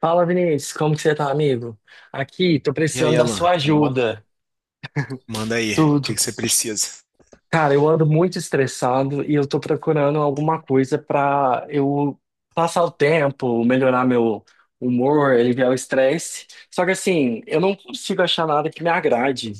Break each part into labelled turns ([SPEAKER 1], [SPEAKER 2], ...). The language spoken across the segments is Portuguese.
[SPEAKER 1] Fala, Vinícius, como que você tá, amigo? Aqui, tô
[SPEAKER 2] E aí,
[SPEAKER 1] precisando da
[SPEAKER 2] Alan,
[SPEAKER 1] sua
[SPEAKER 2] tudo bom?
[SPEAKER 1] ajuda.
[SPEAKER 2] Manda aí, o que
[SPEAKER 1] Tudo.
[SPEAKER 2] que você precisa?
[SPEAKER 1] Cara, eu ando muito estressado e eu tô procurando alguma coisa pra eu passar o tempo, melhorar meu humor, aliviar o estresse. Só que assim, eu não consigo achar nada que me agrade,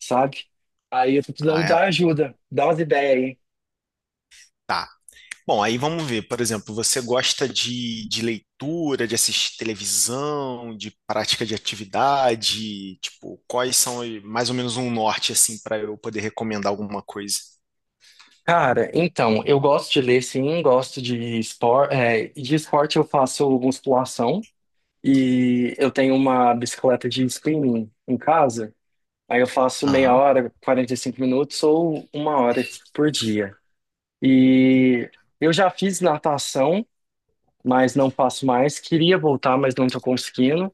[SPEAKER 1] sabe? Aí eu tô precisando
[SPEAKER 2] Ah, é?
[SPEAKER 1] da ajuda, dá umas ideias aí.
[SPEAKER 2] Tá. Bom, aí vamos ver, por exemplo, você gosta de leitura, de assistir televisão, de prática de atividade? Tipo, quais são mais ou menos um norte, assim, para eu poder recomendar alguma coisa?
[SPEAKER 1] Cara, então, eu gosto de ler, sim, gosto de esporte. De esporte eu faço musculação. E eu tenho uma bicicleta de spinning em casa. Aí eu faço meia
[SPEAKER 2] Aham.
[SPEAKER 1] hora, 45 minutos ou uma hora por dia. E eu já fiz natação, mas não faço mais. Queria voltar, mas não tô conseguindo.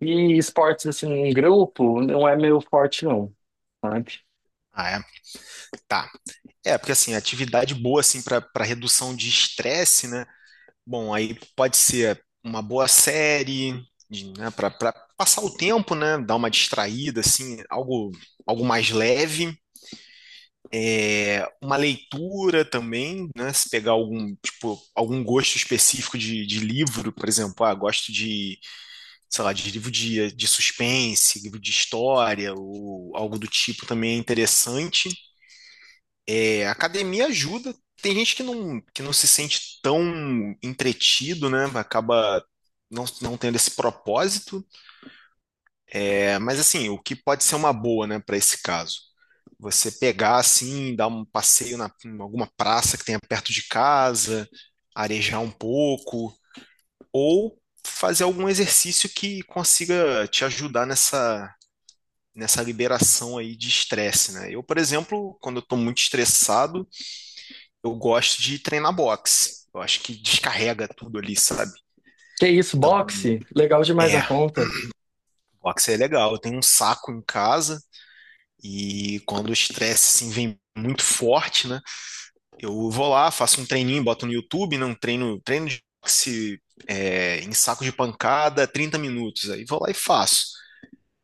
[SPEAKER 1] E esportes assim em grupo não é meu forte não, sabe?
[SPEAKER 2] Ah, é? Tá. É, porque assim, atividade boa, assim, para redução de estresse, né? Bom, aí pode ser uma boa série, né, para passar o tempo, né, dar uma distraída, assim, algo, algo mais leve. Uma leitura também, né, se pegar algum, tipo, algum gosto específico de livro, por exemplo, ah, gosto de, sei lá, de livro de suspense, livro de história, ou algo do tipo também é interessante. É, a academia ajuda. Tem gente que não se sente tão entretido, né? Acaba não tendo esse propósito. É, mas assim, o que pode ser uma boa, né, para esse caso? Você pegar assim, dar um passeio em alguma praça que tenha perto de casa, arejar um pouco, ou fazer algum exercício que consiga te ajudar nessa, nessa liberação aí de estresse, né? Eu, por exemplo, quando eu estou muito estressado, eu gosto de treinar boxe. Eu acho que descarrega tudo ali, sabe?
[SPEAKER 1] Que isso,
[SPEAKER 2] Então,
[SPEAKER 1] boxe? Legal demais na
[SPEAKER 2] é,
[SPEAKER 1] conta.
[SPEAKER 2] boxe é legal. Eu tenho um saco em casa e quando o estresse assim, vem muito forte, né? Eu vou lá, faço um treininho, boto no YouTube, não treino, treino de boxe é, em saco de pancada, 30 minutos. Aí vou lá e faço.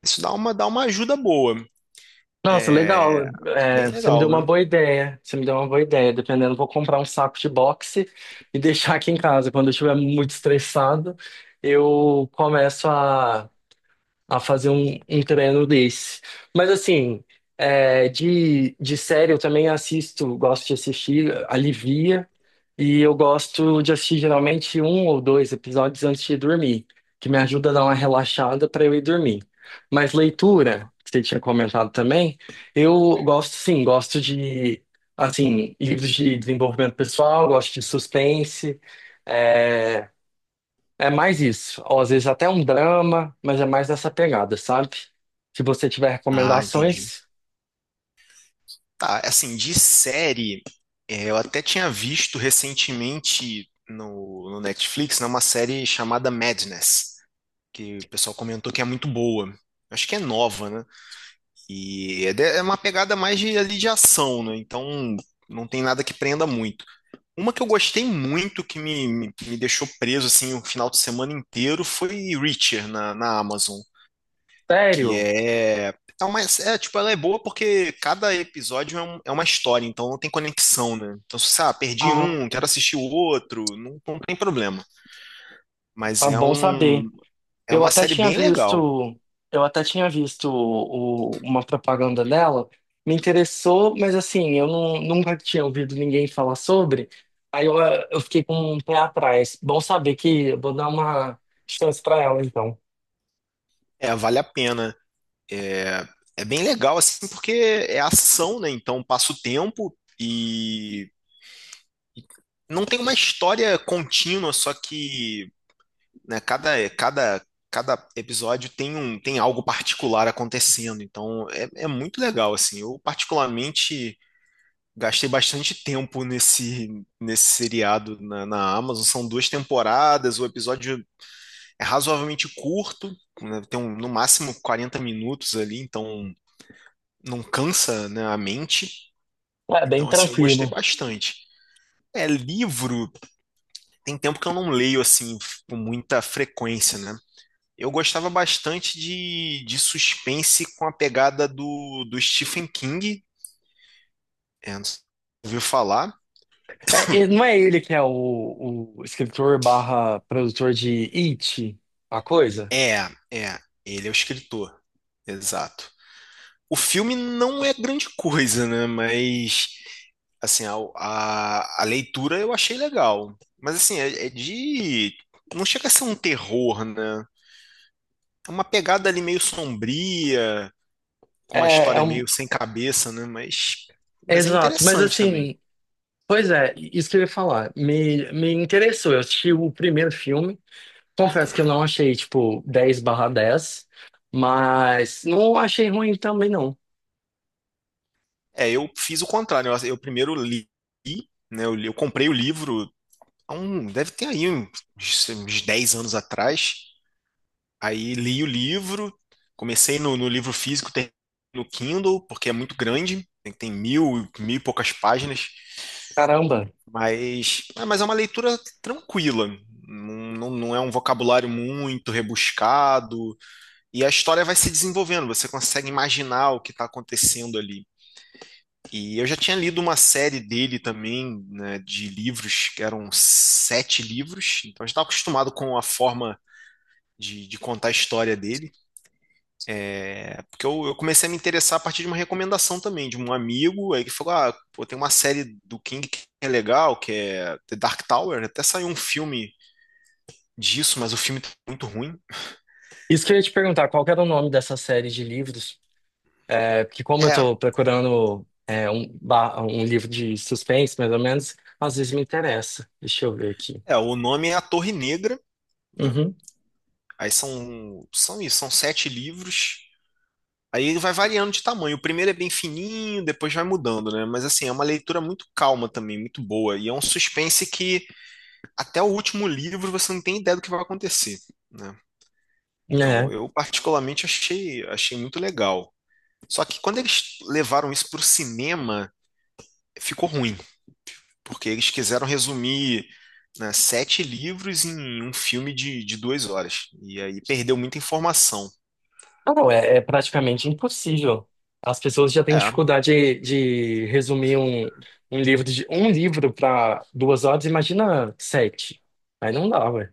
[SPEAKER 2] Isso dá uma ajuda boa.
[SPEAKER 1] Nossa, legal.
[SPEAKER 2] É
[SPEAKER 1] É,
[SPEAKER 2] bem
[SPEAKER 1] você me
[SPEAKER 2] legal,
[SPEAKER 1] deu uma
[SPEAKER 2] né?
[SPEAKER 1] boa ideia. Você me deu uma boa ideia. Dependendo, vou comprar um saco de boxe e deixar aqui em casa. Quando eu estiver muito estressado, eu começo a fazer um treino desse. Mas assim, é, de série eu também assisto, gosto de assistir, alivia, e eu gosto de assistir geralmente um ou dois episódios antes de dormir, que me ajuda a dar uma relaxada para eu ir dormir. Mas leitura, que você tinha comentado também, eu gosto sim, gosto de assim, livros de desenvolvimento pessoal, gosto de suspense. é, é mais isso. Ou às vezes até um drama, mas é mais dessa pegada, sabe? Se você tiver
[SPEAKER 2] Ah, entendi.
[SPEAKER 1] recomendações,
[SPEAKER 2] Tá, assim, de série, é, eu até tinha visto recentemente no Netflix, né, uma série chamada Madness, que o pessoal comentou que é muito boa. Acho que é nova, né? E é, é uma pegada mais de, ali de ação, né? Então não tem nada que prenda muito. Uma que eu gostei muito, que me deixou preso assim o final de semana inteiro, foi Reacher na Amazon que
[SPEAKER 1] sério,
[SPEAKER 2] é. É, uma, é, tipo, ela é boa porque cada episódio é, é uma história, então não tem conexão, né? Então, se você, ah, perdi
[SPEAKER 1] ah,
[SPEAKER 2] um, quero assistir o outro, não tem problema. Mas
[SPEAKER 1] tá
[SPEAKER 2] é
[SPEAKER 1] bom saber.
[SPEAKER 2] um, é
[SPEAKER 1] Eu
[SPEAKER 2] uma
[SPEAKER 1] até
[SPEAKER 2] série
[SPEAKER 1] tinha
[SPEAKER 2] bem legal.
[SPEAKER 1] visto, eu até tinha visto uma propaganda dela, me interessou, mas assim, eu não- nunca tinha ouvido ninguém falar sobre. Aí eu fiquei com um pé atrás. Bom saber que eu vou dar uma chance pra ela, então.
[SPEAKER 2] É, vale a pena. É, é bem legal, assim, porque é ação, né? Então passa o tempo e não tem uma história contínua, só que né, cada episódio tem um, tem algo particular acontecendo, então é, é muito legal, assim. Eu particularmente gastei bastante tempo nesse, nesse seriado na Amazon, são duas temporadas, o episódio é razoavelmente curto, né, tem no máximo 40 minutos ali, então não cansa, né, a mente.
[SPEAKER 1] É bem
[SPEAKER 2] Então, assim, eu gostei
[SPEAKER 1] tranquilo.
[SPEAKER 2] bastante. É, livro, tem tempo que eu não leio, assim, com muita frequência, né? Eu gostava bastante de suspense com a pegada do Stephen King. É, não sei se você ouviu falar?
[SPEAKER 1] É, e não é ele que é o escritor/produtor de It, a coisa?
[SPEAKER 2] É, é, ele é o escritor. Exato. O filme não é grande coisa, né? Mas, assim, a leitura eu achei legal. Mas, assim, é, é de. Não chega a ser um terror, né? É uma pegada ali meio sombria, com uma
[SPEAKER 1] É
[SPEAKER 2] história meio sem cabeça, né?
[SPEAKER 1] é
[SPEAKER 2] Mas é
[SPEAKER 1] exato, mas
[SPEAKER 2] interessante também.
[SPEAKER 1] assim, pois é, isso que eu ia falar, me interessou, eu assisti o primeiro filme, confesso que eu não achei, tipo, 10/10, mas não achei ruim também não,
[SPEAKER 2] É, eu fiz o contrário. Eu primeiro li, né? Eu, eu comprei o livro há um, deve ter aí um, uns, uns 10 anos atrás. Aí li o livro, comecei no livro físico, terminei no Kindle, porque é muito grande, tem, tem mil, mil e poucas páginas,
[SPEAKER 1] caramba.
[SPEAKER 2] mas, ah, mas é uma leitura tranquila. Não é um vocabulário muito rebuscado, e a história vai se desenvolvendo, você consegue imaginar o que está acontecendo ali. E eu já tinha lido uma série dele também, né, de livros, que eram sete livros, então eu já estava acostumado com a forma de contar a história dele. É, porque eu comecei a me interessar a partir de uma recomendação também, de um amigo, aí que falou: ah, pô, tem uma série do King que é legal, que é The Dark Tower, até saiu um filme disso, mas o filme tá muito ruim.
[SPEAKER 1] Isso que eu ia te perguntar, qual que era o nome dessa série de livros? É, porque como eu
[SPEAKER 2] É,
[SPEAKER 1] tô procurando é, um, um livro de suspense, mais ou menos, às vezes me interessa. Deixa eu ver aqui.
[SPEAKER 2] é o nome é A Torre Negra, né?
[SPEAKER 1] Uhum.
[SPEAKER 2] Aí são, são isso, são sete livros. Aí ele vai variando de tamanho. O primeiro é bem fininho, depois vai mudando, né? Mas assim, é uma leitura muito calma também, muito boa. E é um suspense que até o último livro você não tem ideia do que vai acontecer, né? Então,
[SPEAKER 1] É.
[SPEAKER 2] eu particularmente achei, achei muito legal. Só que quando eles levaram isso para o cinema, ficou ruim, porque eles quiseram resumir, né, sete livros em um filme de duas horas. E aí perdeu muita informação.
[SPEAKER 1] Ah, não, é praticamente impossível. As pessoas já têm
[SPEAKER 2] É,
[SPEAKER 1] dificuldade de resumir um, livro de um livro para 2 horas, imagina sete. Aí não dá, ué.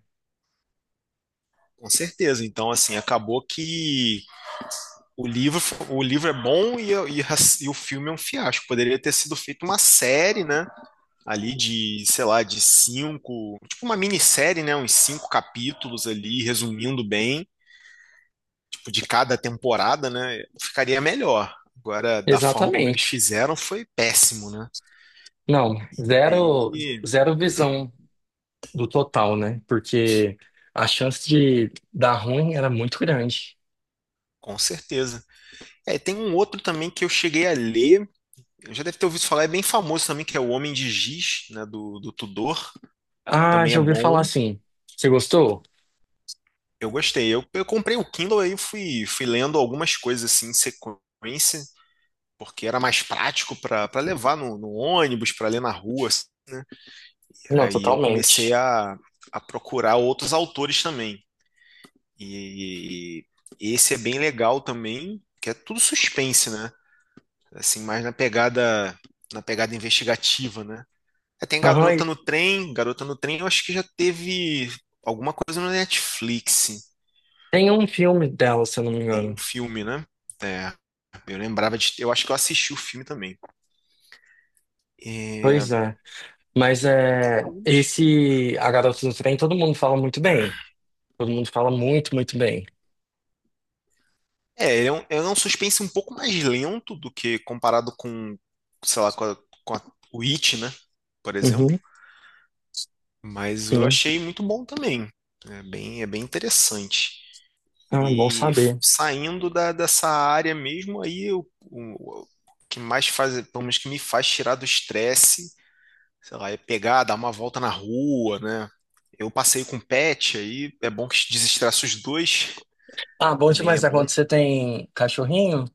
[SPEAKER 2] com certeza. Então, assim, acabou que o livro, o livro é bom e o filme é um fiasco. Poderia ter sido feito uma série, né? Ali de, sei lá, de cinco, tipo uma minissérie, né? Uns cinco capítulos ali, resumindo bem, tipo, de cada temporada, né? Ficaria melhor. Agora, da forma como eles
[SPEAKER 1] Exatamente.
[SPEAKER 2] fizeram, foi péssimo, né?
[SPEAKER 1] Não, zero,
[SPEAKER 2] Aí,
[SPEAKER 1] zero visão do total, né? Porque a chance de dar ruim era muito grande.
[SPEAKER 2] com certeza. É, tem um outro também que eu cheguei a ler, já deve ter ouvido falar, é bem famoso também, que é O Homem de Giz, né, do Tudor.
[SPEAKER 1] Ah,
[SPEAKER 2] Também
[SPEAKER 1] já
[SPEAKER 2] é
[SPEAKER 1] ouvi falar
[SPEAKER 2] bom.
[SPEAKER 1] assim. Você gostou?
[SPEAKER 2] Eu gostei. Eu comprei o Kindle, aí fui, fui lendo algumas coisas assim em sequência, porque era mais prático para levar no ônibus, para ler na rua, assim.
[SPEAKER 1] Não,
[SPEAKER 2] Aí eu comecei
[SPEAKER 1] totalmente.
[SPEAKER 2] a procurar outros autores também. E esse é bem legal também, que é tudo suspense, né? Assim, mais na pegada, na pegada investigativa, né? Aí tem
[SPEAKER 1] Aham, e
[SPEAKER 2] Garota no Trem, eu acho que já teve alguma coisa no Netflix.
[SPEAKER 1] tem um filme dela, se eu não me
[SPEAKER 2] Tem um
[SPEAKER 1] engano.
[SPEAKER 2] filme, né? É, eu lembrava de. Eu acho que eu assisti o filme também. É,
[SPEAKER 1] Pois é. Mas
[SPEAKER 2] tem
[SPEAKER 1] é,
[SPEAKER 2] alguns.
[SPEAKER 1] esse A Garota do Trem, todo mundo fala muito bem. Todo mundo fala muito, muito bem.
[SPEAKER 2] É, ele é um suspense um pouco mais lento do que comparado com, sei lá, com, com o It, né? Por exemplo.
[SPEAKER 1] Uhum,
[SPEAKER 2] Mas eu
[SPEAKER 1] sim.
[SPEAKER 2] achei muito bom também. É bem interessante.
[SPEAKER 1] Ah, bom
[SPEAKER 2] E
[SPEAKER 1] saber.
[SPEAKER 2] saindo da, dessa área mesmo, aí o, o que mais faz, pelo menos que me faz tirar do estresse, sei lá, é pegar, dar uma volta na rua, né? Eu passei com pet, aí é bom que desestressa os dois.
[SPEAKER 1] Ah, bom
[SPEAKER 2] Também é
[SPEAKER 1] demais. É
[SPEAKER 2] bom.
[SPEAKER 1] quando você tem cachorrinho?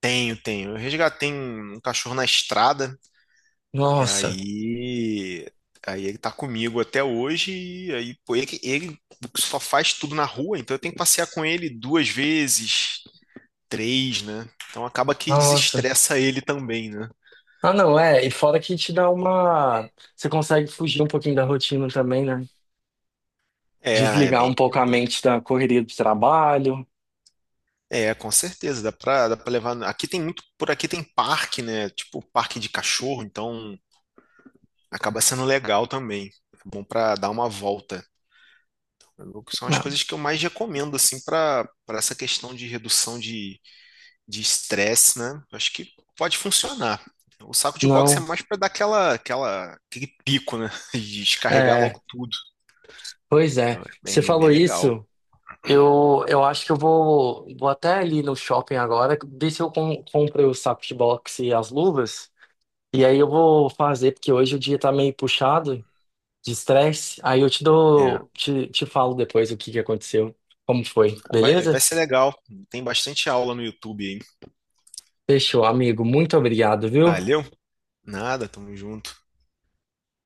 [SPEAKER 2] Tenho, tenho. Eu resgatei um, um cachorro na estrada, e
[SPEAKER 1] Nossa,
[SPEAKER 2] aí, aí ele tá comigo até hoje, e aí, pô, ele, ele só faz tudo na rua, então eu tenho que passear com ele duas vezes, três, né? Então acaba que
[SPEAKER 1] nossa.
[SPEAKER 2] desestressa ele também, né?
[SPEAKER 1] Ah, não, é. E fora que te dá uma. Você consegue fugir um pouquinho da rotina também, né?
[SPEAKER 2] É, é
[SPEAKER 1] Desligar um
[SPEAKER 2] bem,
[SPEAKER 1] pouco a mente da correria do trabalho.
[SPEAKER 2] é, com certeza, dá pra levar. Aqui tem muito, por aqui tem parque, né? Tipo, parque de cachorro, então acaba sendo legal também. É bom pra dar uma volta. São as
[SPEAKER 1] Ah,
[SPEAKER 2] coisas que eu mais recomendo, assim, para essa questão de redução de estresse, né? Eu acho que pode funcionar. O saco de boxe é
[SPEAKER 1] não.
[SPEAKER 2] mais para dar aquela, aquela, aquele pico, né? De descarregar
[SPEAKER 1] É,
[SPEAKER 2] logo tudo.
[SPEAKER 1] pois
[SPEAKER 2] Então,
[SPEAKER 1] é. Você
[SPEAKER 2] é bem
[SPEAKER 1] falou
[SPEAKER 2] legal.
[SPEAKER 1] isso, eu acho que eu vou até ali no shopping agora, ver se eu compro os sacos de boxe e as luvas, e aí eu vou fazer, porque hoje o dia tá meio puxado de estresse, aí
[SPEAKER 2] É,
[SPEAKER 1] te falo depois o que que aconteceu, como foi,
[SPEAKER 2] vai, vai
[SPEAKER 1] beleza?
[SPEAKER 2] ser legal. Tem bastante aula no YouTube, hein?
[SPEAKER 1] Fechou, amigo, muito obrigado, viu?
[SPEAKER 2] Valeu? Nada, tamo junto.